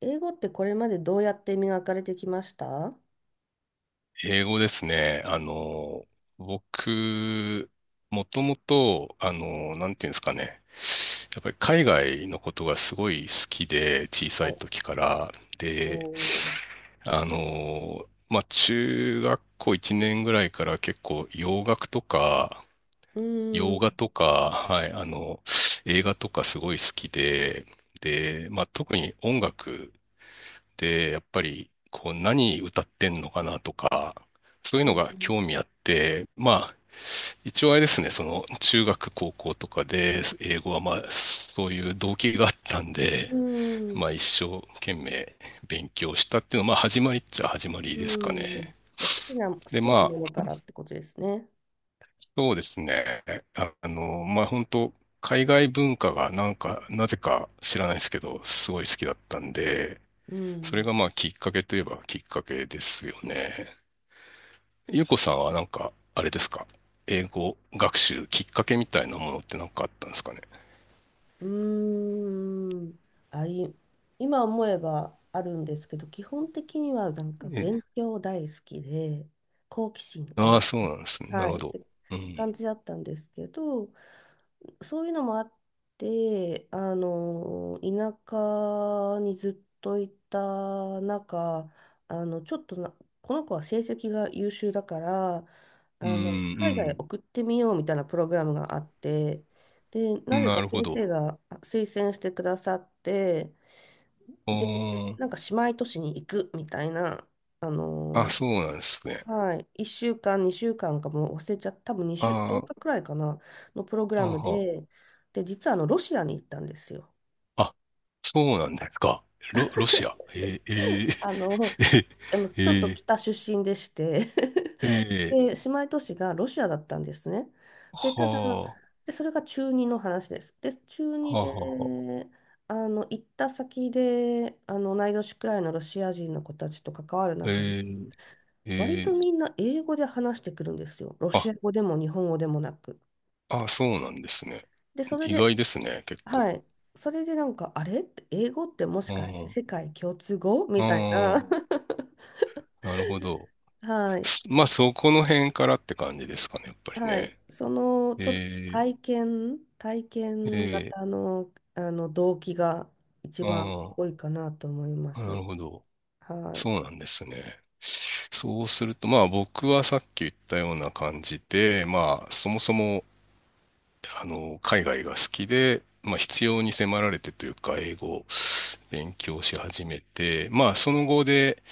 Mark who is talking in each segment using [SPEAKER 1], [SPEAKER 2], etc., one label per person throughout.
[SPEAKER 1] 英語ってこれまでどうやって磨かれてきました？は
[SPEAKER 2] 英語ですね。僕、もともと、なんていうんですかね。やっぱり海外のことがすごい好きで、小さい
[SPEAKER 1] い。
[SPEAKER 2] 時から。
[SPEAKER 1] お
[SPEAKER 2] で、
[SPEAKER 1] ー。
[SPEAKER 2] まあ、中学校1年ぐらいから結構洋楽とか、
[SPEAKER 1] うー
[SPEAKER 2] 洋
[SPEAKER 1] ん、
[SPEAKER 2] 画とか、はい、映画とかすごい好きで、で、まあ、特に音楽で、やっぱりこう何歌ってんのかなとか、そういう
[SPEAKER 1] う
[SPEAKER 2] のが
[SPEAKER 1] ん、
[SPEAKER 2] 興味あって、まあ、一応あれですね、その中学、高校とかで英語はまあ、そういう動機があったんで、
[SPEAKER 1] うん。
[SPEAKER 2] まあ一生懸命勉強したっていうのは、まあ始まりっちゃ始まり
[SPEAKER 1] う
[SPEAKER 2] ですか
[SPEAKER 1] ん。
[SPEAKER 2] ね。
[SPEAKER 1] で、好
[SPEAKER 2] で、
[SPEAKER 1] きな
[SPEAKER 2] ま
[SPEAKER 1] もの
[SPEAKER 2] あ、
[SPEAKER 1] からってことですね。
[SPEAKER 2] そうですね。まあ本当海外文化がなんか、なぜか知らないですけど、すごい好きだったんで、
[SPEAKER 1] う
[SPEAKER 2] それ
[SPEAKER 1] ん、
[SPEAKER 2] がまあきっかけといえばきっかけですよね。ゆうこさんはなんか、あれですか、英語学習きっかけみたいなものってなんかあったんですかね？
[SPEAKER 1] うーん。あ、い、今思えばあるんですけど、基本的にはなんか
[SPEAKER 2] え
[SPEAKER 1] 勉
[SPEAKER 2] え、
[SPEAKER 1] 強大好きで、好奇心
[SPEAKER 2] ああ、
[SPEAKER 1] 旺、
[SPEAKER 2] そうなんですね。な
[SPEAKER 1] は
[SPEAKER 2] る
[SPEAKER 1] い、
[SPEAKER 2] ほ
[SPEAKER 1] っ
[SPEAKER 2] ど。
[SPEAKER 1] て
[SPEAKER 2] う
[SPEAKER 1] 感
[SPEAKER 2] ん。
[SPEAKER 1] じだったんですけど、そういうのもあって、あの、田舎にずっといた中、あの、ちょっとな、この子は成績が優秀だから、
[SPEAKER 2] う
[SPEAKER 1] あの、海外へ
[SPEAKER 2] ん、
[SPEAKER 1] 送ってみようみたいなプログラムがあって、で、
[SPEAKER 2] う
[SPEAKER 1] な
[SPEAKER 2] ん。
[SPEAKER 1] ぜ
[SPEAKER 2] な
[SPEAKER 1] か
[SPEAKER 2] るほ
[SPEAKER 1] 先生
[SPEAKER 2] ど。
[SPEAKER 1] が推薦してくださって、
[SPEAKER 2] お
[SPEAKER 1] で、
[SPEAKER 2] ー、
[SPEAKER 1] なんか姉妹都市に行くみたいな、あ
[SPEAKER 2] あ、
[SPEAKER 1] の、
[SPEAKER 2] そうなんですね。
[SPEAKER 1] はい、1週間、2週間かんかもう忘れちゃった、多分2
[SPEAKER 2] あ
[SPEAKER 1] 週、10日
[SPEAKER 2] ー、
[SPEAKER 1] くらいかな、のプログラ
[SPEAKER 2] あ
[SPEAKER 1] ム
[SPEAKER 2] は、
[SPEAKER 1] で、で、実はあのロシアに行ったんですよ。
[SPEAKER 2] あ、そうなんですか？ロシア。えー、
[SPEAKER 1] あの、
[SPEAKER 2] えー、
[SPEAKER 1] あの ちょっと
[SPEAKER 2] え
[SPEAKER 1] 北出身でして
[SPEAKER 2] ー、えー、え
[SPEAKER 1] で、姉
[SPEAKER 2] ー、
[SPEAKER 1] 妹都市がロシアだったんですね。で、ただ、
[SPEAKER 2] は
[SPEAKER 1] で、それが中2の話です。で、中
[SPEAKER 2] あ、
[SPEAKER 1] 2
[SPEAKER 2] はあ、は
[SPEAKER 1] で、あの、行った先で、あの、同い年くらいのロシア人の子たちと関わる
[SPEAKER 2] あ、
[SPEAKER 1] 中で、
[SPEAKER 2] えー、え
[SPEAKER 1] 割と
[SPEAKER 2] ー、
[SPEAKER 1] みんな英語で話してくるんですよ。ロ
[SPEAKER 2] あ、
[SPEAKER 1] シア語でも日本語でもなく。
[SPEAKER 2] あ、そうなんですね。
[SPEAKER 1] で、それ
[SPEAKER 2] 意
[SPEAKER 1] で、
[SPEAKER 2] 外ですね、結
[SPEAKER 1] は
[SPEAKER 2] 構。
[SPEAKER 1] い。それでなんか、あれって英語ってもし
[SPEAKER 2] う
[SPEAKER 1] かして
[SPEAKER 2] ん、
[SPEAKER 1] 世界共通語
[SPEAKER 2] う
[SPEAKER 1] みたいな。
[SPEAKER 2] ん。なるほど。
[SPEAKER 1] はい。
[SPEAKER 2] まあ、そこの辺からって感じですかね、やっぱり
[SPEAKER 1] はい。
[SPEAKER 2] ね。
[SPEAKER 1] その、ちょっと
[SPEAKER 2] え
[SPEAKER 1] 体
[SPEAKER 2] ー、
[SPEAKER 1] 験
[SPEAKER 2] え
[SPEAKER 1] 型の、あの動機が一番
[SPEAKER 2] ー、
[SPEAKER 1] 多
[SPEAKER 2] あ
[SPEAKER 1] いかなと思いま
[SPEAKER 2] あ、な
[SPEAKER 1] す。
[SPEAKER 2] るほど。
[SPEAKER 1] はい。
[SPEAKER 2] そうなんですね。そうすると、まあ、僕はさっき言ったような感じで、まあ、そもそも、海外が好きで、まあ、必要に迫られてというか、英語を勉強し始めて、まあ、その後で、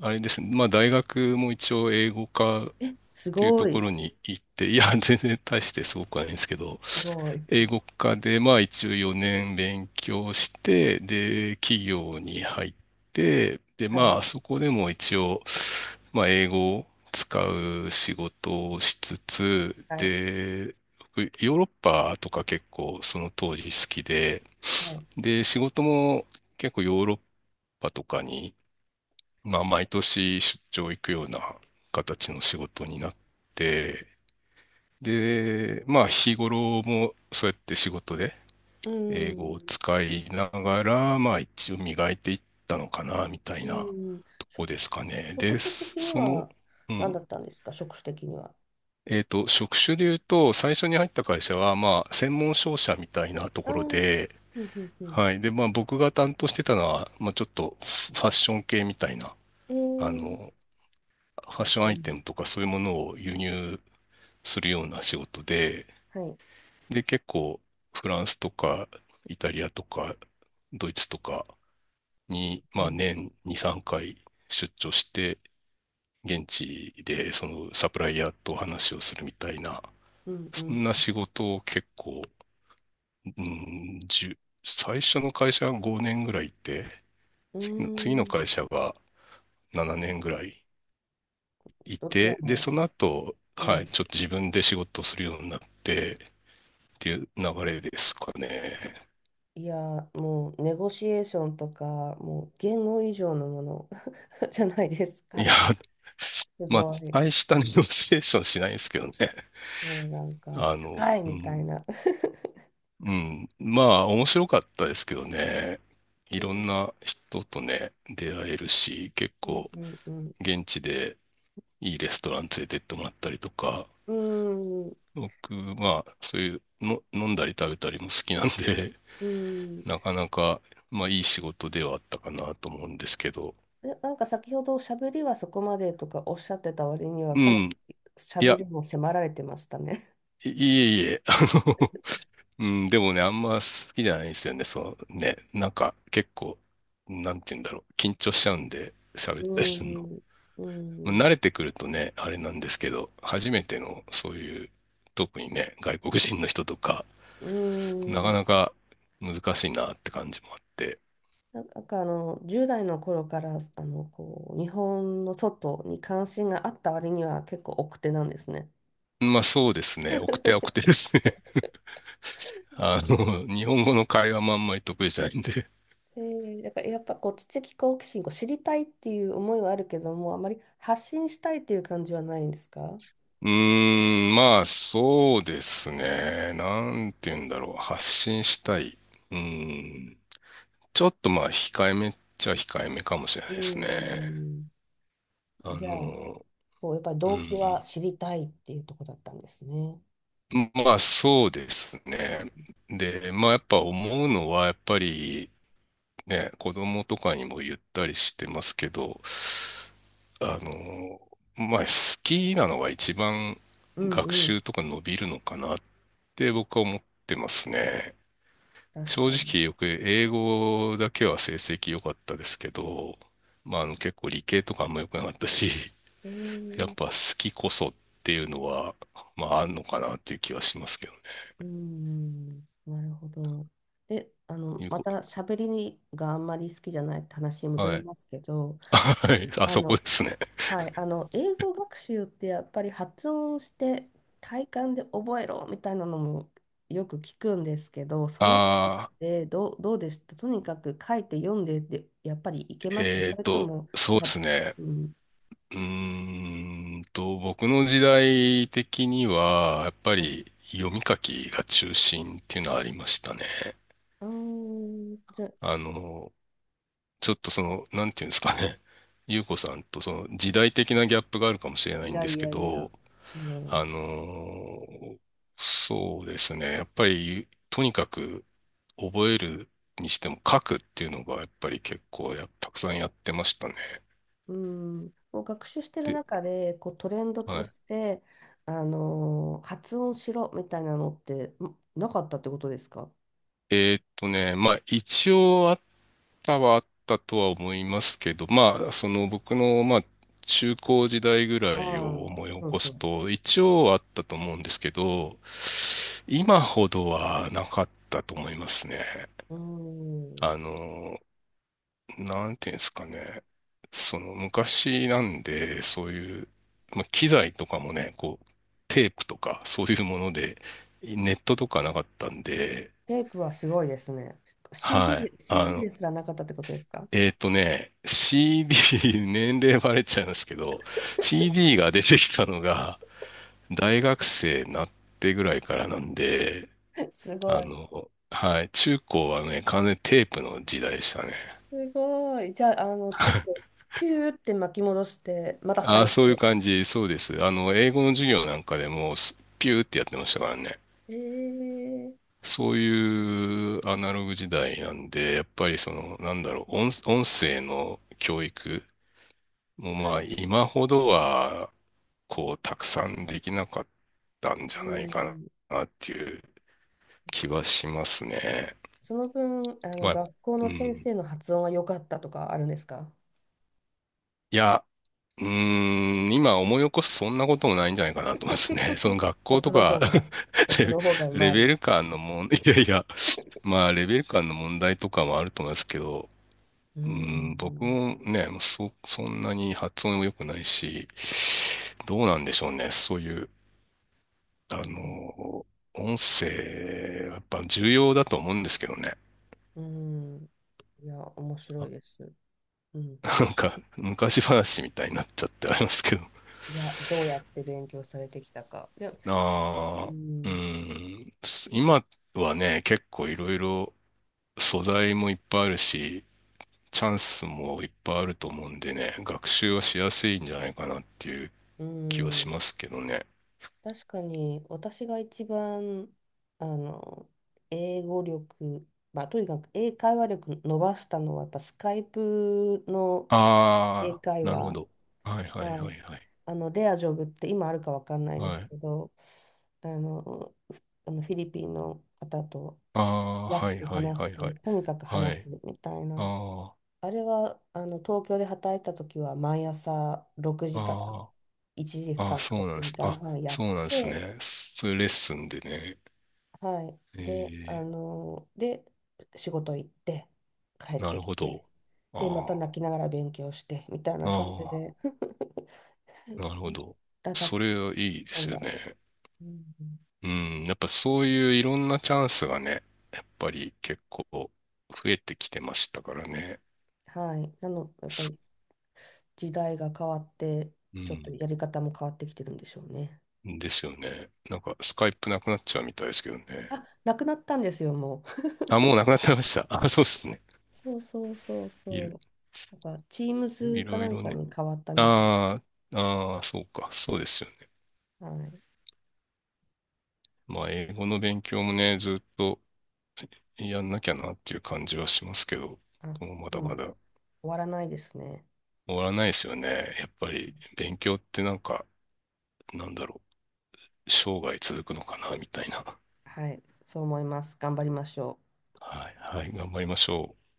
[SPEAKER 2] あれですね、まあ、大学も一応英語科っ
[SPEAKER 1] す
[SPEAKER 2] ていう
[SPEAKER 1] ご
[SPEAKER 2] とこ
[SPEAKER 1] い。
[SPEAKER 2] ろに行って、いや、全然大してすごくはないんですけど、
[SPEAKER 1] すごい。
[SPEAKER 2] 英語科で、まあ一応4年勉強して、で、企業に入って、で、
[SPEAKER 1] はい。
[SPEAKER 2] まあそこでも一応、まあ英語を使う仕事をしつつ、
[SPEAKER 1] はい。
[SPEAKER 2] で、僕ヨーロッパとか結構その当時好きで、
[SPEAKER 1] はい。
[SPEAKER 2] で、仕事も結構ヨーロッパとかに、まあ毎年出張行くような形の仕事になって、で、まあ日頃もそうやって仕事で
[SPEAKER 1] う
[SPEAKER 2] 英語を
[SPEAKER 1] ん。
[SPEAKER 2] 使いながら、まあ一応磨いていったのかな、みたい
[SPEAKER 1] う
[SPEAKER 2] な
[SPEAKER 1] ん。
[SPEAKER 2] とこ
[SPEAKER 1] 職
[SPEAKER 2] です
[SPEAKER 1] 種、
[SPEAKER 2] かね。
[SPEAKER 1] 職
[SPEAKER 2] で、
[SPEAKER 1] 種的には
[SPEAKER 2] うん。
[SPEAKER 1] 何だったんですか、職種的には。
[SPEAKER 2] 職種で言うと、最初に入った会社は、まあ、専門商社みたいなと
[SPEAKER 1] ああ。
[SPEAKER 2] こ
[SPEAKER 1] う
[SPEAKER 2] ろ
[SPEAKER 1] ん
[SPEAKER 2] で、
[SPEAKER 1] うんうん。
[SPEAKER 2] はい。で、まあ、僕が担当してたのは、まあ、ちょっとファッション系みたいな、
[SPEAKER 1] え
[SPEAKER 2] あ
[SPEAKER 1] ー。
[SPEAKER 2] の、ファ
[SPEAKER 1] か
[SPEAKER 2] ッ
[SPEAKER 1] っ
[SPEAKER 2] ション
[SPEAKER 1] こ
[SPEAKER 2] ア
[SPEAKER 1] い
[SPEAKER 2] イテ
[SPEAKER 1] い。
[SPEAKER 2] ムとかそういうものを輸入するような仕事で、
[SPEAKER 1] はい。
[SPEAKER 2] で、結構、フランスとか、イタリアとか、ドイツとか、に、
[SPEAKER 1] う
[SPEAKER 2] まあ、
[SPEAKER 1] ん、
[SPEAKER 2] 年2、3回出張して、現地でそのサプライヤーと話をするみたいな、
[SPEAKER 1] うん、う
[SPEAKER 2] そ
[SPEAKER 1] ん。
[SPEAKER 2] んな仕事を結構、うん、最初の会社が5年ぐらいいて、
[SPEAKER 1] う
[SPEAKER 2] 次の
[SPEAKER 1] ーん。
[SPEAKER 2] 会社が7年ぐらいい
[SPEAKER 1] どちら
[SPEAKER 2] て、で、
[SPEAKER 1] も、
[SPEAKER 2] その後、
[SPEAKER 1] う
[SPEAKER 2] はい、
[SPEAKER 1] ん。
[SPEAKER 2] ちょっと自分で仕事をするようになってっていう流れですかね。
[SPEAKER 1] いや、もう、ネゴシエーションとか、もう、言語以上のもの じゃないです
[SPEAKER 2] い
[SPEAKER 1] か。
[SPEAKER 2] や、
[SPEAKER 1] す
[SPEAKER 2] まあ、
[SPEAKER 1] ごい。
[SPEAKER 2] 大した ネゴシエーションしないですけどね。
[SPEAKER 1] もうなんか、高い
[SPEAKER 2] う
[SPEAKER 1] みたい
[SPEAKER 2] ん、
[SPEAKER 1] な。
[SPEAKER 2] うん。まあ、面白かったですけどね。い
[SPEAKER 1] うん、
[SPEAKER 2] ろんな人とね、出会えるし、結
[SPEAKER 1] うん、
[SPEAKER 2] 構、
[SPEAKER 1] うん。うん、
[SPEAKER 2] 現地でいいレストラン連れてってもらったりとか、
[SPEAKER 1] うん。
[SPEAKER 2] 僕、まあ、そういうの、飲んだり食べたりも好きなんで、
[SPEAKER 1] う ん。
[SPEAKER 2] なかなか、まあ、いい仕事ではあったかなと思うんですけど。
[SPEAKER 1] で、なんか先ほど、しゃべりはそこまでとかおっしゃってた割には、
[SPEAKER 2] う
[SPEAKER 1] かな
[SPEAKER 2] ん。
[SPEAKER 1] りしゃ
[SPEAKER 2] い
[SPEAKER 1] べ
[SPEAKER 2] や、
[SPEAKER 1] りも迫られてましたね。
[SPEAKER 2] いいえいえ、の、うん、でもね、あんま好きじゃないんですよね。そのね、なんか、結構、なんて言うんだろう、緊張しちゃうんで、喋っ
[SPEAKER 1] う
[SPEAKER 2] たりするの。
[SPEAKER 1] ん、う
[SPEAKER 2] 慣れ
[SPEAKER 1] ん、
[SPEAKER 2] てくるとね、あれなんですけど、初めてのそういう、特にね、外国人の人とか、
[SPEAKER 1] う
[SPEAKER 2] なか
[SPEAKER 1] ん。
[SPEAKER 2] なか難しいなって感じもあって。
[SPEAKER 1] なんかあの10代の頃から、あのこう日本の外に関心があった割には結構奥手なんですね。
[SPEAKER 2] まあそうですね、奥手は奥手 ですね。日本語の会話もあんまり得意じゃないんで。
[SPEAKER 1] で、だからやっぱこう知的好奇心を知りたいっていう思いはあるけども、あまり発信したいっていう感じはないんですか？
[SPEAKER 2] うーん、まあそうですね、なんて言うんだろう、発信したい。うーん、ちょっとまあ控えめっちゃ控えめかもしれ
[SPEAKER 1] う
[SPEAKER 2] ない
[SPEAKER 1] ー
[SPEAKER 2] ですね。
[SPEAKER 1] ん。
[SPEAKER 2] あ
[SPEAKER 1] じゃあ、
[SPEAKER 2] の、
[SPEAKER 1] こうやっぱり
[SPEAKER 2] う
[SPEAKER 1] 動機は
[SPEAKER 2] ん。
[SPEAKER 1] 知りたいっていうところだったんですね。
[SPEAKER 2] まあそうですね。で、まあやっぱ思うのはやっぱりね、子供とかにも言ったりしてますけど、あの、まあ好きなのが一番
[SPEAKER 1] うん
[SPEAKER 2] 学
[SPEAKER 1] うん。
[SPEAKER 2] 習とか伸びるのかなって僕は思ってますね。
[SPEAKER 1] 確
[SPEAKER 2] 正
[SPEAKER 1] かに。
[SPEAKER 2] 直よく英語だけは成績良かったですけど、まあ結構理系とかあんま良くなかったし、
[SPEAKER 1] え
[SPEAKER 2] やっ
[SPEAKER 1] ー。
[SPEAKER 2] ぱ好きこそっていうのは、まああんのかなっていう気はしますけどね。
[SPEAKER 1] うーん、なるほど。で、あの、
[SPEAKER 2] いう
[SPEAKER 1] ま
[SPEAKER 2] こ
[SPEAKER 1] た喋りがあんまり好きじゃないって話に戻
[SPEAKER 2] は
[SPEAKER 1] り
[SPEAKER 2] い。
[SPEAKER 1] ますけど、
[SPEAKER 2] はい。あ
[SPEAKER 1] あ
[SPEAKER 2] そこ
[SPEAKER 1] の、
[SPEAKER 2] ですね。
[SPEAKER 1] はい、あの、英語学習ってやっぱり発音して体感で覚えろみたいなのもよく聞くんですけど、そのあ
[SPEAKER 2] ああ、
[SPEAKER 1] でどうでしたとにかく書いて読んでで、やっぱりいけましたそれとも、
[SPEAKER 2] そうで
[SPEAKER 1] あ、
[SPEAKER 2] すね。
[SPEAKER 1] うん、
[SPEAKER 2] 僕の時代的には、やっぱ
[SPEAKER 1] はい。
[SPEAKER 2] り読み書きが中心っていうのはありましたね。
[SPEAKER 1] うーん、じゃ、
[SPEAKER 2] あの、ちょっとなんていうんですかね。ゆうこさんとその時代的なギャップがあるかもしれな
[SPEAKER 1] い
[SPEAKER 2] いん
[SPEAKER 1] や
[SPEAKER 2] で
[SPEAKER 1] い
[SPEAKER 2] すけ
[SPEAKER 1] やいや、
[SPEAKER 2] ど、
[SPEAKER 1] もう。
[SPEAKER 2] あの、そうですね。やっぱり、とにかく覚えるにしても書くっていうのがやっぱり結構たくさんやってましたね。
[SPEAKER 1] うん、こう学習してる
[SPEAKER 2] で、
[SPEAKER 1] 中でこうトレンドと
[SPEAKER 2] は
[SPEAKER 1] して、発音しろみたいなのってんなかったってことですか？
[SPEAKER 2] い。まあ一応あったはあったとは思いますけど、まあその僕のまあ中高時代ぐら
[SPEAKER 1] あ
[SPEAKER 2] いを
[SPEAKER 1] あ、
[SPEAKER 2] 思い起
[SPEAKER 1] う
[SPEAKER 2] こす
[SPEAKER 1] ん
[SPEAKER 2] と一応あったと思うんですけど、今ほどはなかったと思いますね。
[SPEAKER 1] うん。うん。
[SPEAKER 2] あの、なんていうんですかね。その昔なんで、そういう、まあ、機材とかもね、こう、テープとかそういうもので、ネットとかなかったんで、
[SPEAKER 1] テープはすごいですね。
[SPEAKER 2] はい。
[SPEAKER 1] CD、CD ですらなかったってことですか？
[SPEAKER 2] CD、年齢バレちゃうんですけど、CD が出てきたのが大学生になってぐらいからなんで、
[SPEAKER 1] すごい。
[SPEAKER 2] はい、中高はね、完全にテープの時代でしたね。
[SPEAKER 1] すごい。じゃあ、あの、ちょっとピューって巻き戻して、また
[SPEAKER 2] あ
[SPEAKER 1] 再
[SPEAKER 2] あ、そういう
[SPEAKER 1] 生。
[SPEAKER 2] 感じ、そうです。英語の授業なんかでも、ピューってやってましたからね。
[SPEAKER 1] えー、
[SPEAKER 2] そういうアナログ時代なんで、やっぱりなんだろう、音声の教育も
[SPEAKER 1] は
[SPEAKER 2] まあ、
[SPEAKER 1] い。
[SPEAKER 2] 今ほどは、こう、たくさんできなかったんじ
[SPEAKER 1] う
[SPEAKER 2] ゃないか
[SPEAKER 1] ん。
[SPEAKER 2] な、っていう気はしますね。
[SPEAKER 1] その分、あの、
[SPEAKER 2] まあ、
[SPEAKER 1] 学校の
[SPEAKER 2] う
[SPEAKER 1] 先
[SPEAKER 2] ん。
[SPEAKER 1] 生の発音は良かったとかあるんですか？
[SPEAKER 2] いや、うーん、今思い起こすそんなこともないんじゃないかなと思いますね。その学校
[SPEAKER 1] 僕
[SPEAKER 2] と
[SPEAKER 1] の
[SPEAKER 2] か
[SPEAKER 1] 方が、僕の方が う
[SPEAKER 2] レ
[SPEAKER 1] ま
[SPEAKER 2] ベ
[SPEAKER 1] い。
[SPEAKER 2] ル感の問題、いやいや、まあレベル感の問題とかもあると思いますけど、
[SPEAKER 1] う
[SPEAKER 2] うーん、
[SPEAKER 1] ん。
[SPEAKER 2] 僕
[SPEAKER 1] う
[SPEAKER 2] もね、そんなに発音も良くないし、どうなんでしょうね。そういう、あ
[SPEAKER 1] ん。
[SPEAKER 2] の、音声、やっぱ重要だと思うんですけどね。
[SPEAKER 1] うん。いや、面 白い
[SPEAKER 2] あ
[SPEAKER 1] です。うんう
[SPEAKER 2] なん
[SPEAKER 1] ん。
[SPEAKER 2] か、昔話みたいになっちゃってありますけど。
[SPEAKER 1] いや、どうやって勉強されてきたか。で、う
[SPEAKER 2] ああ、う
[SPEAKER 1] ん。
[SPEAKER 2] ん、今はね、結構いろいろ素材もいっぱいあるし、チャンスもいっぱいあると思うんでね、学習はしやすいんじゃないかなっていう
[SPEAKER 1] う
[SPEAKER 2] 気はし
[SPEAKER 1] ん。
[SPEAKER 2] ますけどね。
[SPEAKER 1] 確かに、私が一番、あの、英語力、まあ、とにかく英会話力伸ばしたのは、やっぱスカイプの英
[SPEAKER 2] あ
[SPEAKER 1] 会
[SPEAKER 2] ー、なるほ
[SPEAKER 1] 話。
[SPEAKER 2] ど。はいはい
[SPEAKER 1] は
[SPEAKER 2] は
[SPEAKER 1] い。
[SPEAKER 2] いはい。
[SPEAKER 1] あの、レアジョブって今あるかわかんないで
[SPEAKER 2] は
[SPEAKER 1] す
[SPEAKER 2] い。
[SPEAKER 1] けど、あの、あのフィリピンの方と
[SPEAKER 2] あー、
[SPEAKER 1] 安
[SPEAKER 2] はい
[SPEAKER 1] く
[SPEAKER 2] はい
[SPEAKER 1] 話
[SPEAKER 2] は
[SPEAKER 1] し
[SPEAKER 2] いは
[SPEAKER 1] て、
[SPEAKER 2] い。
[SPEAKER 1] とにかく
[SPEAKER 2] は
[SPEAKER 1] 話
[SPEAKER 2] い。
[SPEAKER 1] すみたい
[SPEAKER 2] あ
[SPEAKER 1] な。
[SPEAKER 2] ー、
[SPEAKER 1] あれは、あの、東京で働いた時は毎朝6時から
[SPEAKER 2] あー、
[SPEAKER 1] 1
[SPEAKER 2] あ
[SPEAKER 1] 時
[SPEAKER 2] ー、
[SPEAKER 1] 間か
[SPEAKER 2] そ
[SPEAKER 1] ん
[SPEAKER 2] う
[SPEAKER 1] か
[SPEAKER 2] なん
[SPEAKER 1] ら
[SPEAKER 2] で
[SPEAKER 1] 1
[SPEAKER 2] す。
[SPEAKER 1] 時
[SPEAKER 2] あ、
[SPEAKER 1] 間半やっ
[SPEAKER 2] そうなんです
[SPEAKER 1] て、
[SPEAKER 2] ね。そういうレッスンでね。
[SPEAKER 1] は
[SPEAKER 2] え
[SPEAKER 1] い。で、あ
[SPEAKER 2] ー、
[SPEAKER 1] の、で、仕事行って、帰っ
[SPEAKER 2] な
[SPEAKER 1] て
[SPEAKER 2] る
[SPEAKER 1] き
[SPEAKER 2] ほ
[SPEAKER 1] て、
[SPEAKER 2] ど。あ
[SPEAKER 1] で、また
[SPEAKER 2] ー、
[SPEAKER 1] 泣きながら勉強して、みたいな感じ
[SPEAKER 2] あ
[SPEAKER 1] で、
[SPEAKER 2] ー、なるほど。
[SPEAKER 1] たたき
[SPEAKER 2] それはいいで
[SPEAKER 1] 込ん
[SPEAKER 2] すよ
[SPEAKER 1] だ。
[SPEAKER 2] ね。
[SPEAKER 1] うん。
[SPEAKER 2] うん、やっぱそういういろんなチャンスがね、やっぱり結構増えてきてましたからね。
[SPEAKER 1] はい。なの、やっぱ
[SPEAKER 2] す
[SPEAKER 1] り時代が変わって、
[SPEAKER 2] う
[SPEAKER 1] ちょっと
[SPEAKER 2] ん、
[SPEAKER 1] やり方も変わってきてるんでしょうね。
[SPEAKER 2] ですよね。なんかスカイプなくなっちゃうみたいですけどね。
[SPEAKER 1] あ、なくなったんですよ、もう。
[SPEAKER 2] あ、もうなくなってました。あ、そうですね。
[SPEAKER 1] そうそうそう
[SPEAKER 2] い
[SPEAKER 1] そ
[SPEAKER 2] ろ、
[SPEAKER 1] う。なんか、チームズ
[SPEAKER 2] い
[SPEAKER 1] か
[SPEAKER 2] ろ
[SPEAKER 1] な
[SPEAKER 2] い
[SPEAKER 1] ん
[SPEAKER 2] ろ
[SPEAKER 1] か
[SPEAKER 2] ね。
[SPEAKER 1] に変わったみたい。
[SPEAKER 2] ああ、ああ、そうか。そうですよね。
[SPEAKER 1] はい。
[SPEAKER 2] まあ、英語の勉強もね、ずっとやんなきゃなっていう感じはしますけど、
[SPEAKER 1] あ、
[SPEAKER 2] もうま
[SPEAKER 1] う
[SPEAKER 2] だ
[SPEAKER 1] ん。
[SPEAKER 2] ま
[SPEAKER 1] 終
[SPEAKER 2] だ
[SPEAKER 1] わらないですね。
[SPEAKER 2] 終わらないですよね。やっぱり勉強ってなんか、なんだろう。生涯続くのかな、みたいな。
[SPEAKER 1] はい。そう思います。頑張りましょう。
[SPEAKER 2] はい、はい、頑張りましょう。